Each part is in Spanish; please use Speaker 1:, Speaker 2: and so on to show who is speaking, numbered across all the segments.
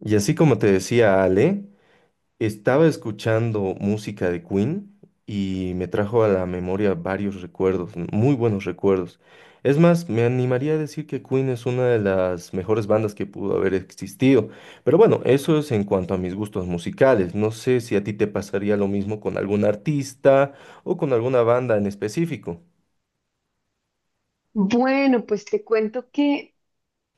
Speaker 1: Y así como te decía Ale, estaba escuchando música de Queen y me trajo a la memoria varios recuerdos, muy buenos recuerdos. Es más, me animaría a decir que Queen es una de las mejores bandas que pudo haber existido. Pero bueno, eso es en cuanto a mis gustos musicales. No sé si a ti te pasaría lo mismo con algún artista o con alguna banda en específico.
Speaker 2: Bueno, pues te cuento que,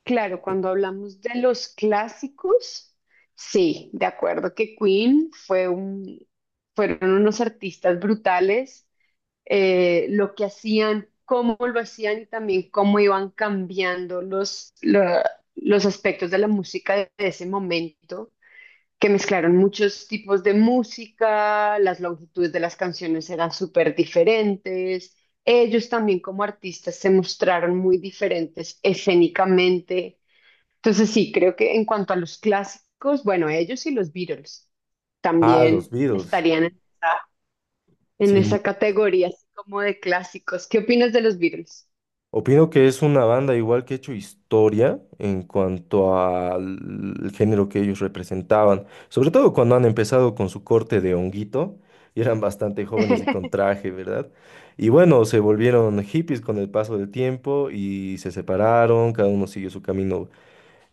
Speaker 2: claro, cuando hablamos de los clásicos, sí, de acuerdo que Queen fue un, fueron unos artistas brutales, lo que hacían, cómo lo hacían y también cómo iban cambiando los aspectos de la música de ese momento, que mezclaron muchos tipos de música, las longitudes de las canciones eran súper diferentes. Ellos también como artistas se mostraron muy diferentes escénicamente. Entonces sí, creo que en cuanto a los clásicos, bueno, ellos y los Beatles
Speaker 1: Ah, los
Speaker 2: también
Speaker 1: Beatles.
Speaker 2: estarían en
Speaker 1: Sí.
Speaker 2: esa categoría así como de clásicos. ¿Qué opinas de los Beatles?
Speaker 1: Opino que es una banda igual que ha hecho historia en cuanto al género que ellos representaban, sobre todo cuando han empezado con su corte de honguito y eran bastante jóvenes y con traje, ¿verdad? Y bueno, se volvieron hippies con el paso del tiempo y se separaron, cada uno siguió su camino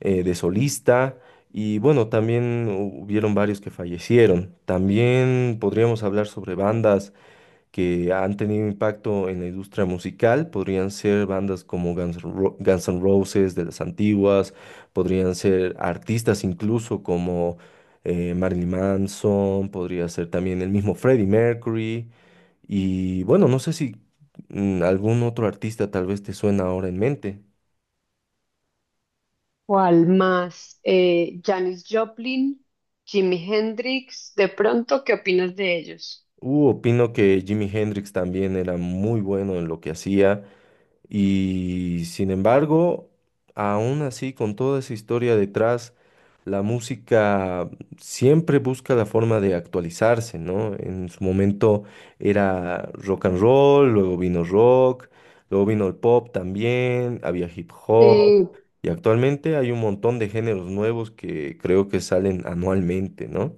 Speaker 1: de solista. Y bueno, también hubieron varios que fallecieron. También podríamos hablar sobre bandas que han tenido impacto en la industria musical, podrían ser bandas como Guns N' Roses de las antiguas, podrían ser artistas incluso como Marilyn Manson, podría ser también el mismo Freddie Mercury. Y bueno, no sé si algún otro artista tal vez te suena ahora en mente.
Speaker 2: ¿Cuál más? Janis Joplin, Jimi Hendrix, de pronto, ¿qué opinas de ellos?
Speaker 1: Opino que Jimi Hendrix también era muy bueno en lo que hacía. Y sin embargo, aún así, con toda esa historia detrás, la música siempre busca la forma de actualizarse, ¿no? En su momento era rock and roll, luego vino rock, luego vino el pop también, había hip hop,
Speaker 2: Eh,
Speaker 1: y actualmente hay un montón de géneros nuevos que creo que salen anualmente, ¿no?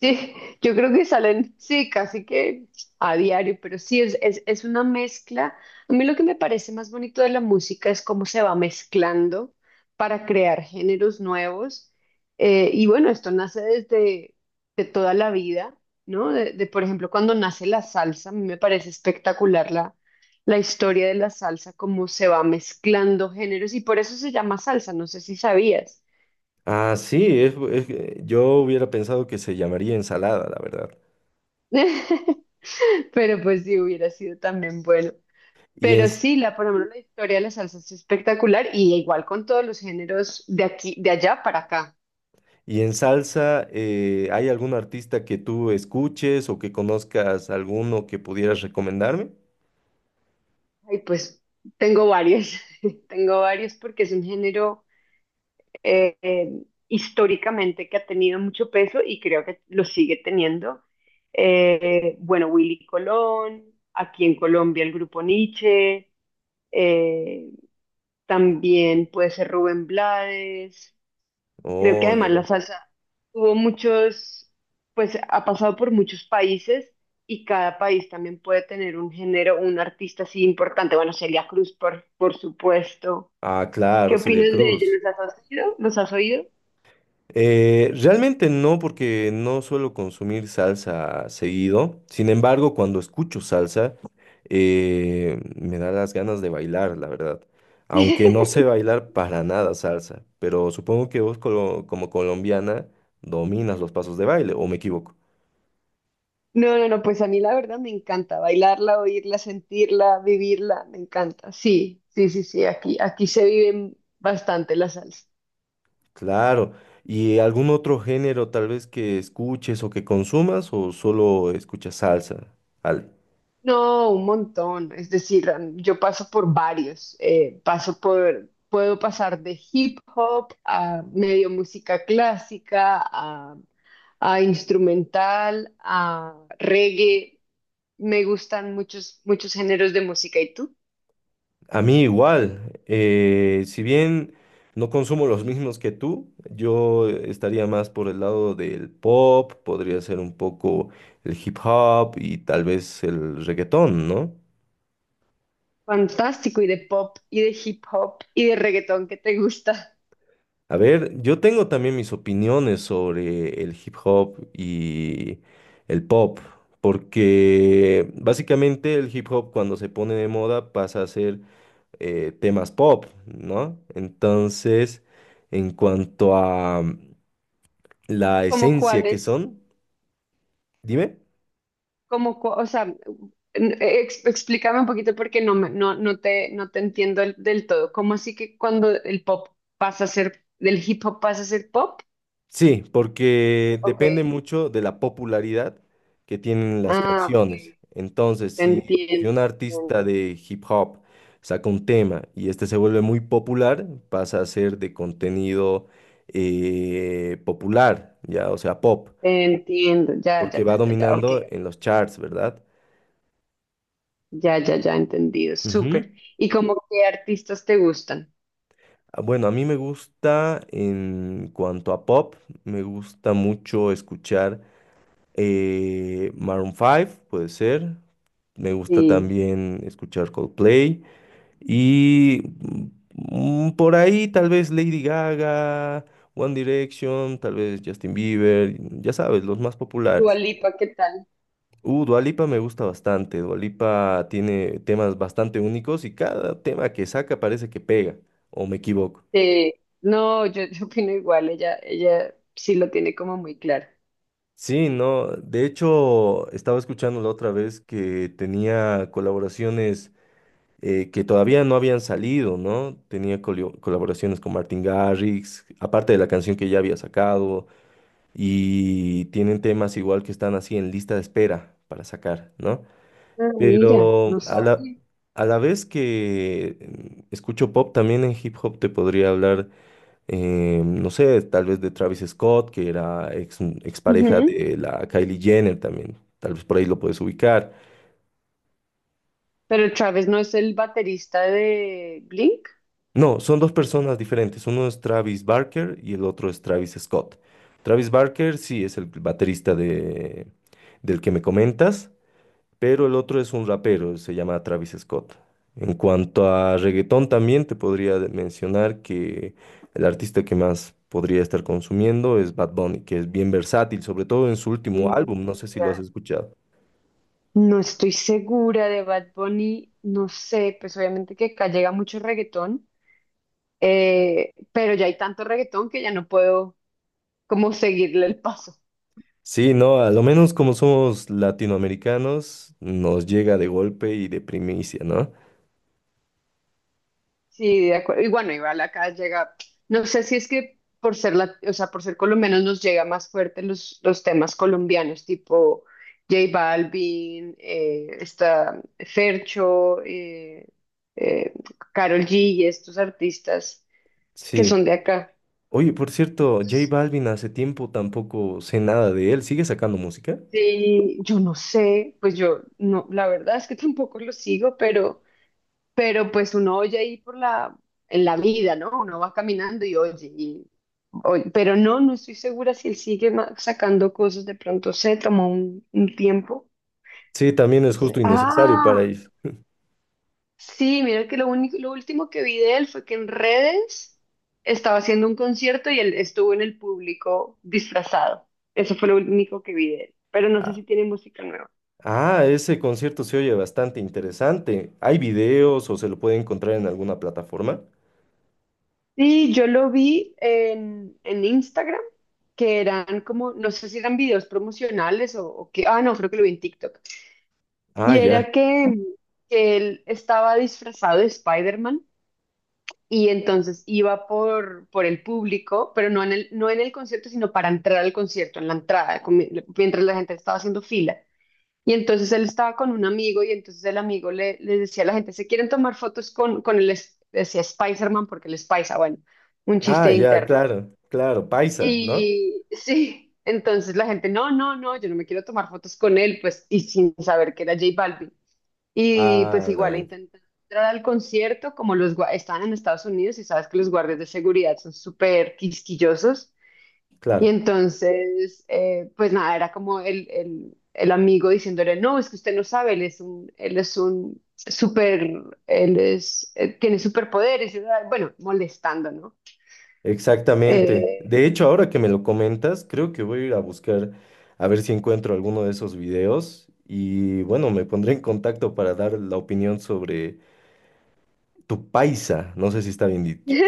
Speaker 2: Sí, yo creo que salen, sí, casi que a diario, pero sí, es una mezcla. A mí lo que me parece más bonito de la música es cómo se va mezclando para crear géneros nuevos. Y bueno, esto nace desde de toda la vida, ¿no? Por ejemplo, cuando nace la salsa, a mí me parece espectacular la historia de la salsa, cómo se va mezclando géneros y por eso se llama salsa, no sé si sabías.
Speaker 1: Ah, sí, es que yo hubiera pensado que se llamaría ensalada, la verdad.
Speaker 2: Pero pues sí, hubiera sido también bueno.
Speaker 1: Y en,
Speaker 2: Pero sí, por ejemplo, la historia de la salsa es espectacular y igual con todos los géneros de aquí, de allá para acá.
Speaker 1: Y en salsa, ¿hay algún artista que tú escuches o que conozcas alguno que pudieras recomendarme?
Speaker 2: Y pues tengo varios, tengo varios porque es un género eh, eh, históricamente que ha tenido mucho peso y creo que lo sigue teniendo. Bueno, Willy Colón, aquí en Colombia el grupo Nietzsche, eh, también puede ser Rubén Blades. Creo que
Speaker 1: Oye, a
Speaker 2: además la
Speaker 1: ver.
Speaker 2: salsa tuvo muchos, pues ha pasado por muchos países, y cada país también puede tener un género, un artista así importante. Bueno, Celia Cruz, por supuesto.
Speaker 1: Ah, claro,
Speaker 2: ¿Qué
Speaker 1: Celia
Speaker 2: opinas de ella?
Speaker 1: Cruz.
Speaker 2: ¿Los has oído? ¿Los has oído?
Speaker 1: Realmente no, porque no suelo consumir salsa seguido. Sin embargo, cuando escucho salsa, me da las ganas de bailar, la verdad. Aunque no sé bailar para nada salsa, pero supongo que vos como colombiana dominas los pasos de baile, ¿o me equivoco?
Speaker 2: No, no, no, pues a mí la verdad me encanta bailarla, oírla, sentirla, vivirla, me encanta. Sí, sí, sí, sí, aquí, aquí se vive bastante la salsa.
Speaker 1: Claro. ¿Y algún otro género tal vez que escuches o que consumas o solo escuchas salsa? Al-
Speaker 2: No, un montón. Es decir, yo paso por varios. Paso por, puedo pasar de hip hop a medio música clásica, a instrumental, a reggae. Me gustan muchos, muchos géneros de música. ¿Y tú?
Speaker 1: a mí igual. Si bien no consumo los mismos que tú, yo estaría más por el lado del pop, podría ser un poco el hip hop y tal vez el reggaetón, ¿no?
Speaker 2: Fantástico. Y de pop, y de hip hop, y de reggaetón que te gusta.
Speaker 1: A ver, yo tengo también mis opiniones sobre el hip hop y el pop, porque básicamente el hip hop cuando se pone de moda pasa a ser temas pop, ¿no? Entonces, en cuanto a la
Speaker 2: ¿Cómo
Speaker 1: esencia que
Speaker 2: cuáles?
Speaker 1: son, dime.
Speaker 2: Como, o sea, explícame un poquito porque no, no, no te entiendo del todo. ¿Cómo así que cuando el pop pasa a ser, del hip hop pasa a ser pop?
Speaker 1: Sí, porque
Speaker 2: Ok.
Speaker 1: depende mucho de la popularidad que tienen las
Speaker 2: Ah, ok.
Speaker 1: canciones. Entonces,
Speaker 2: Te
Speaker 1: si
Speaker 2: entiendo,
Speaker 1: un
Speaker 2: te
Speaker 1: artista
Speaker 2: entiendo.
Speaker 1: de hip hop saca un tema y este se vuelve muy popular, pasa a ser de contenido popular, ya, o sea, pop,
Speaker 2: Te entiendo. Ya, ya,
Speaker 1: porque va
Speaker 2: ya, ya, ya. Ok,
Speaker 1: dominando en
Speaker 2: ok.
Speaker 1: los charts, ¿verdad?
Speaker 2: Ya, ya, ya, entendido.
Speaker 1: Ujú.
Speaker 2: Súper. ¿Y cómo qué artistas te gustan?
Speaker 1: Ah, bueno, a mí me gusta, en cuanto a pop, me gusta mucho escuchar Maroon 5, puede ser. Me gusta
Speaker 2: Sí.
Speaker 1: también escuchar Coldplay y por ahí tal vez Lady Gaga, One Direction, tal vez Justin Bieber, ya sabes, los más
Speaker 2: Dua
Speaker 1: populares.
Speaker 2: Lipa, ¿qué tal?
Speaker 1: Dua Lipa me gusta bastante. Dua Lipa tiene temas bastante únicos y cada tema que saca parece que pega, o me equivoco.
Speaker 2: Sí. No, yo opino igual. Ella sí lo tiene como muy claro.
Speaker 1: Sí, no, de hecho estaba escuchando la otra vez que tenía colaboraciones que todavía no habían salido, ¿no? Tenía colaboraciones con Martin Garrix, aparte de la canción que ya había sacado, y tienen temas igual que están así en lista de espera para sacar, ¿no?
Speaker 2: Ah, mira,
Speaker 1: Pero
Speaker 2: no
Speaker 1: a la,
Speaker 2: sabía.
Speaker 1: a la vez que escucho pop, también en hip hop te podría hablar, no sé, tal vez de Travis Scott, que era expareja de la Kylie Jenner también, tal vez por ahí lo puedes ubicar.
Speaker 2: Pero Travis no es el baterista de Blink.
Speaker 1: No, son dos personas diferentes. Uno es Travis Barker y el otro es Travis Scott. Travis Barker sí es el baterista de, del que me comentas, pero el otro es un rapero, se llama Travis Scott. En cuanto a reggaetón también te podría mencionar que el artista que más podría estar consumiendo es Bad Bunny, que es bien versátil, sobre todo en su último álbum, no
Speaker 2: Mm,
Speaker 1: sé si lo
Speaker 2: ya.
Speaker 1: has escuchado.
Speaker 2: No estoy segura de Bad Bunny, no sé, pues obviamente que acá llega mucho reggaetón, pero ya hay tanto reggaetón que ya no puedo como seguirle el paso.
Speaker 1: Sí, no, a lo menos como somos latinoamericanos, nos llega de golpe y de primicia, ¿no?
Speaker 2: Sí, de acuerdo. Y bueno, igual acá llega, no sé si es que por ser o sea, por ser colombianos nos llega más fuerte los temas colombianos, tipo J Balvin, está Fercho, eh, Karol G y estos artistas que son
Speaker 1: Sí.
Speaker 2: de acá.
Speaker 1: Oye, por cierto, J Balvin hace tiempo tampoco sé nada de él. ¿Sigue sacando música?
Speaker 2: Sí, yo no sé, pues yo no, la verdad es que tampoco lo sigo, pero pues uno oye ahí por la, en la vida, ¿no? Uno va caminando y oye, y pero no, no estoy segura si él sigue sacando cosas. De pronto se tomó un tiempo.
Speaker 1: Sí, también
Speaker 2: No
Speaker 1: es
Speaker 2: sé.
Speaker 1: justo y necesario para
Speaker 2: Ah,
Speaker 1: ellos.
Speaker 2: sí, mira que lo único, lo último que vi de él fue que en redes estaba haciendo un concierto y él estuvo en el público disfrazado. Eso fue lo único que vi de él. Pero no sé
Speaker 1: Ah,
Speaker 2: si tiene música nueva.
Speaker 1: ah, ese concierto se oye bastante interesante. ¿Hay videos o se lo puede encontrar en alguna plataforma?
Speaker 2: Sí, yo lo vi en Instagram, que eran como, no sé si eran videos promocionales o qué. Ah, no, creo que lo vi en TikTok.
Speaker 1: Ah,
Speaker 2: Y
Speaker 1: ya.
Speaker 2: era que él estaba disfrazado de Spider-Man y entonces iba por el público, pero no en el, no en el concierto, sino para entrar al concierto, en la entrada, mientras la gente estaba haciendo fila. Y entonces él estaba con un amigo y entonces el amigo le decía a la gente, ¿se quieren tomar fotos con el, decía Spider-Man porque el Spice, bueno, un
Speaker 1: Ah,
Speaker 2: chiste
Speaker 1: ya,
Speaker 2: interno.
Speaker 1: claro, claro, Paisa, ¿no?
Speaker 2: Y sí, entonces la gente, no, no, no, yo no me quiero tomar fotos con él, pues, y sin saber que era J Balvin. Y
Speaker 1: Ah,
Speaker 2: pues
Speaker 1: la
Speaker 2: igual
Speaker 1: vaina.
Speaker 2: intenté entrar al concierto, como estaban en Estados Unidos y sabes que los guardias de seguridad son súper quisquillosos. Y
Speaker 1: Claro,
Speaker 2: entonces, pues nada, era como el amigo diciéndole, no, es que usted no sabe, él es un súper, él es, tiene superpoderes, y, ah, bueno, molestando, ¿no?
Speaker 1: exactamente.
Speaker 2: Eh,
Speaker 1: De hecho, ahora que me lo comentas, creo que voy a ir a buscar a ver si encuentro alguno de esos videos y bueno, me pondré en contacto para dar la opinión sobre tu paisa, no sé si está bien dicho.
Speaker 2: sí,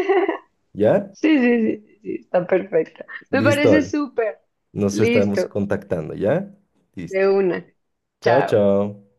Speaker 1: ¿Ya?
Speaker 2: sí, sí, sí, sí, está perfecto. Me
Speaker 1: Listo,
Speaker 2: parece
Speaker 1: Ale.
Speaker 2: súper.
Speaker 1: Nos estamos
Speaker 2: Listo,
Speaker 1: contactando, ¿ya?
Speaker 2: de
Speaker 1: Listo.
Speaker 2: una.
Speaker 1: Chao,
Speaker 2: Chao.
Speaker 1: chao.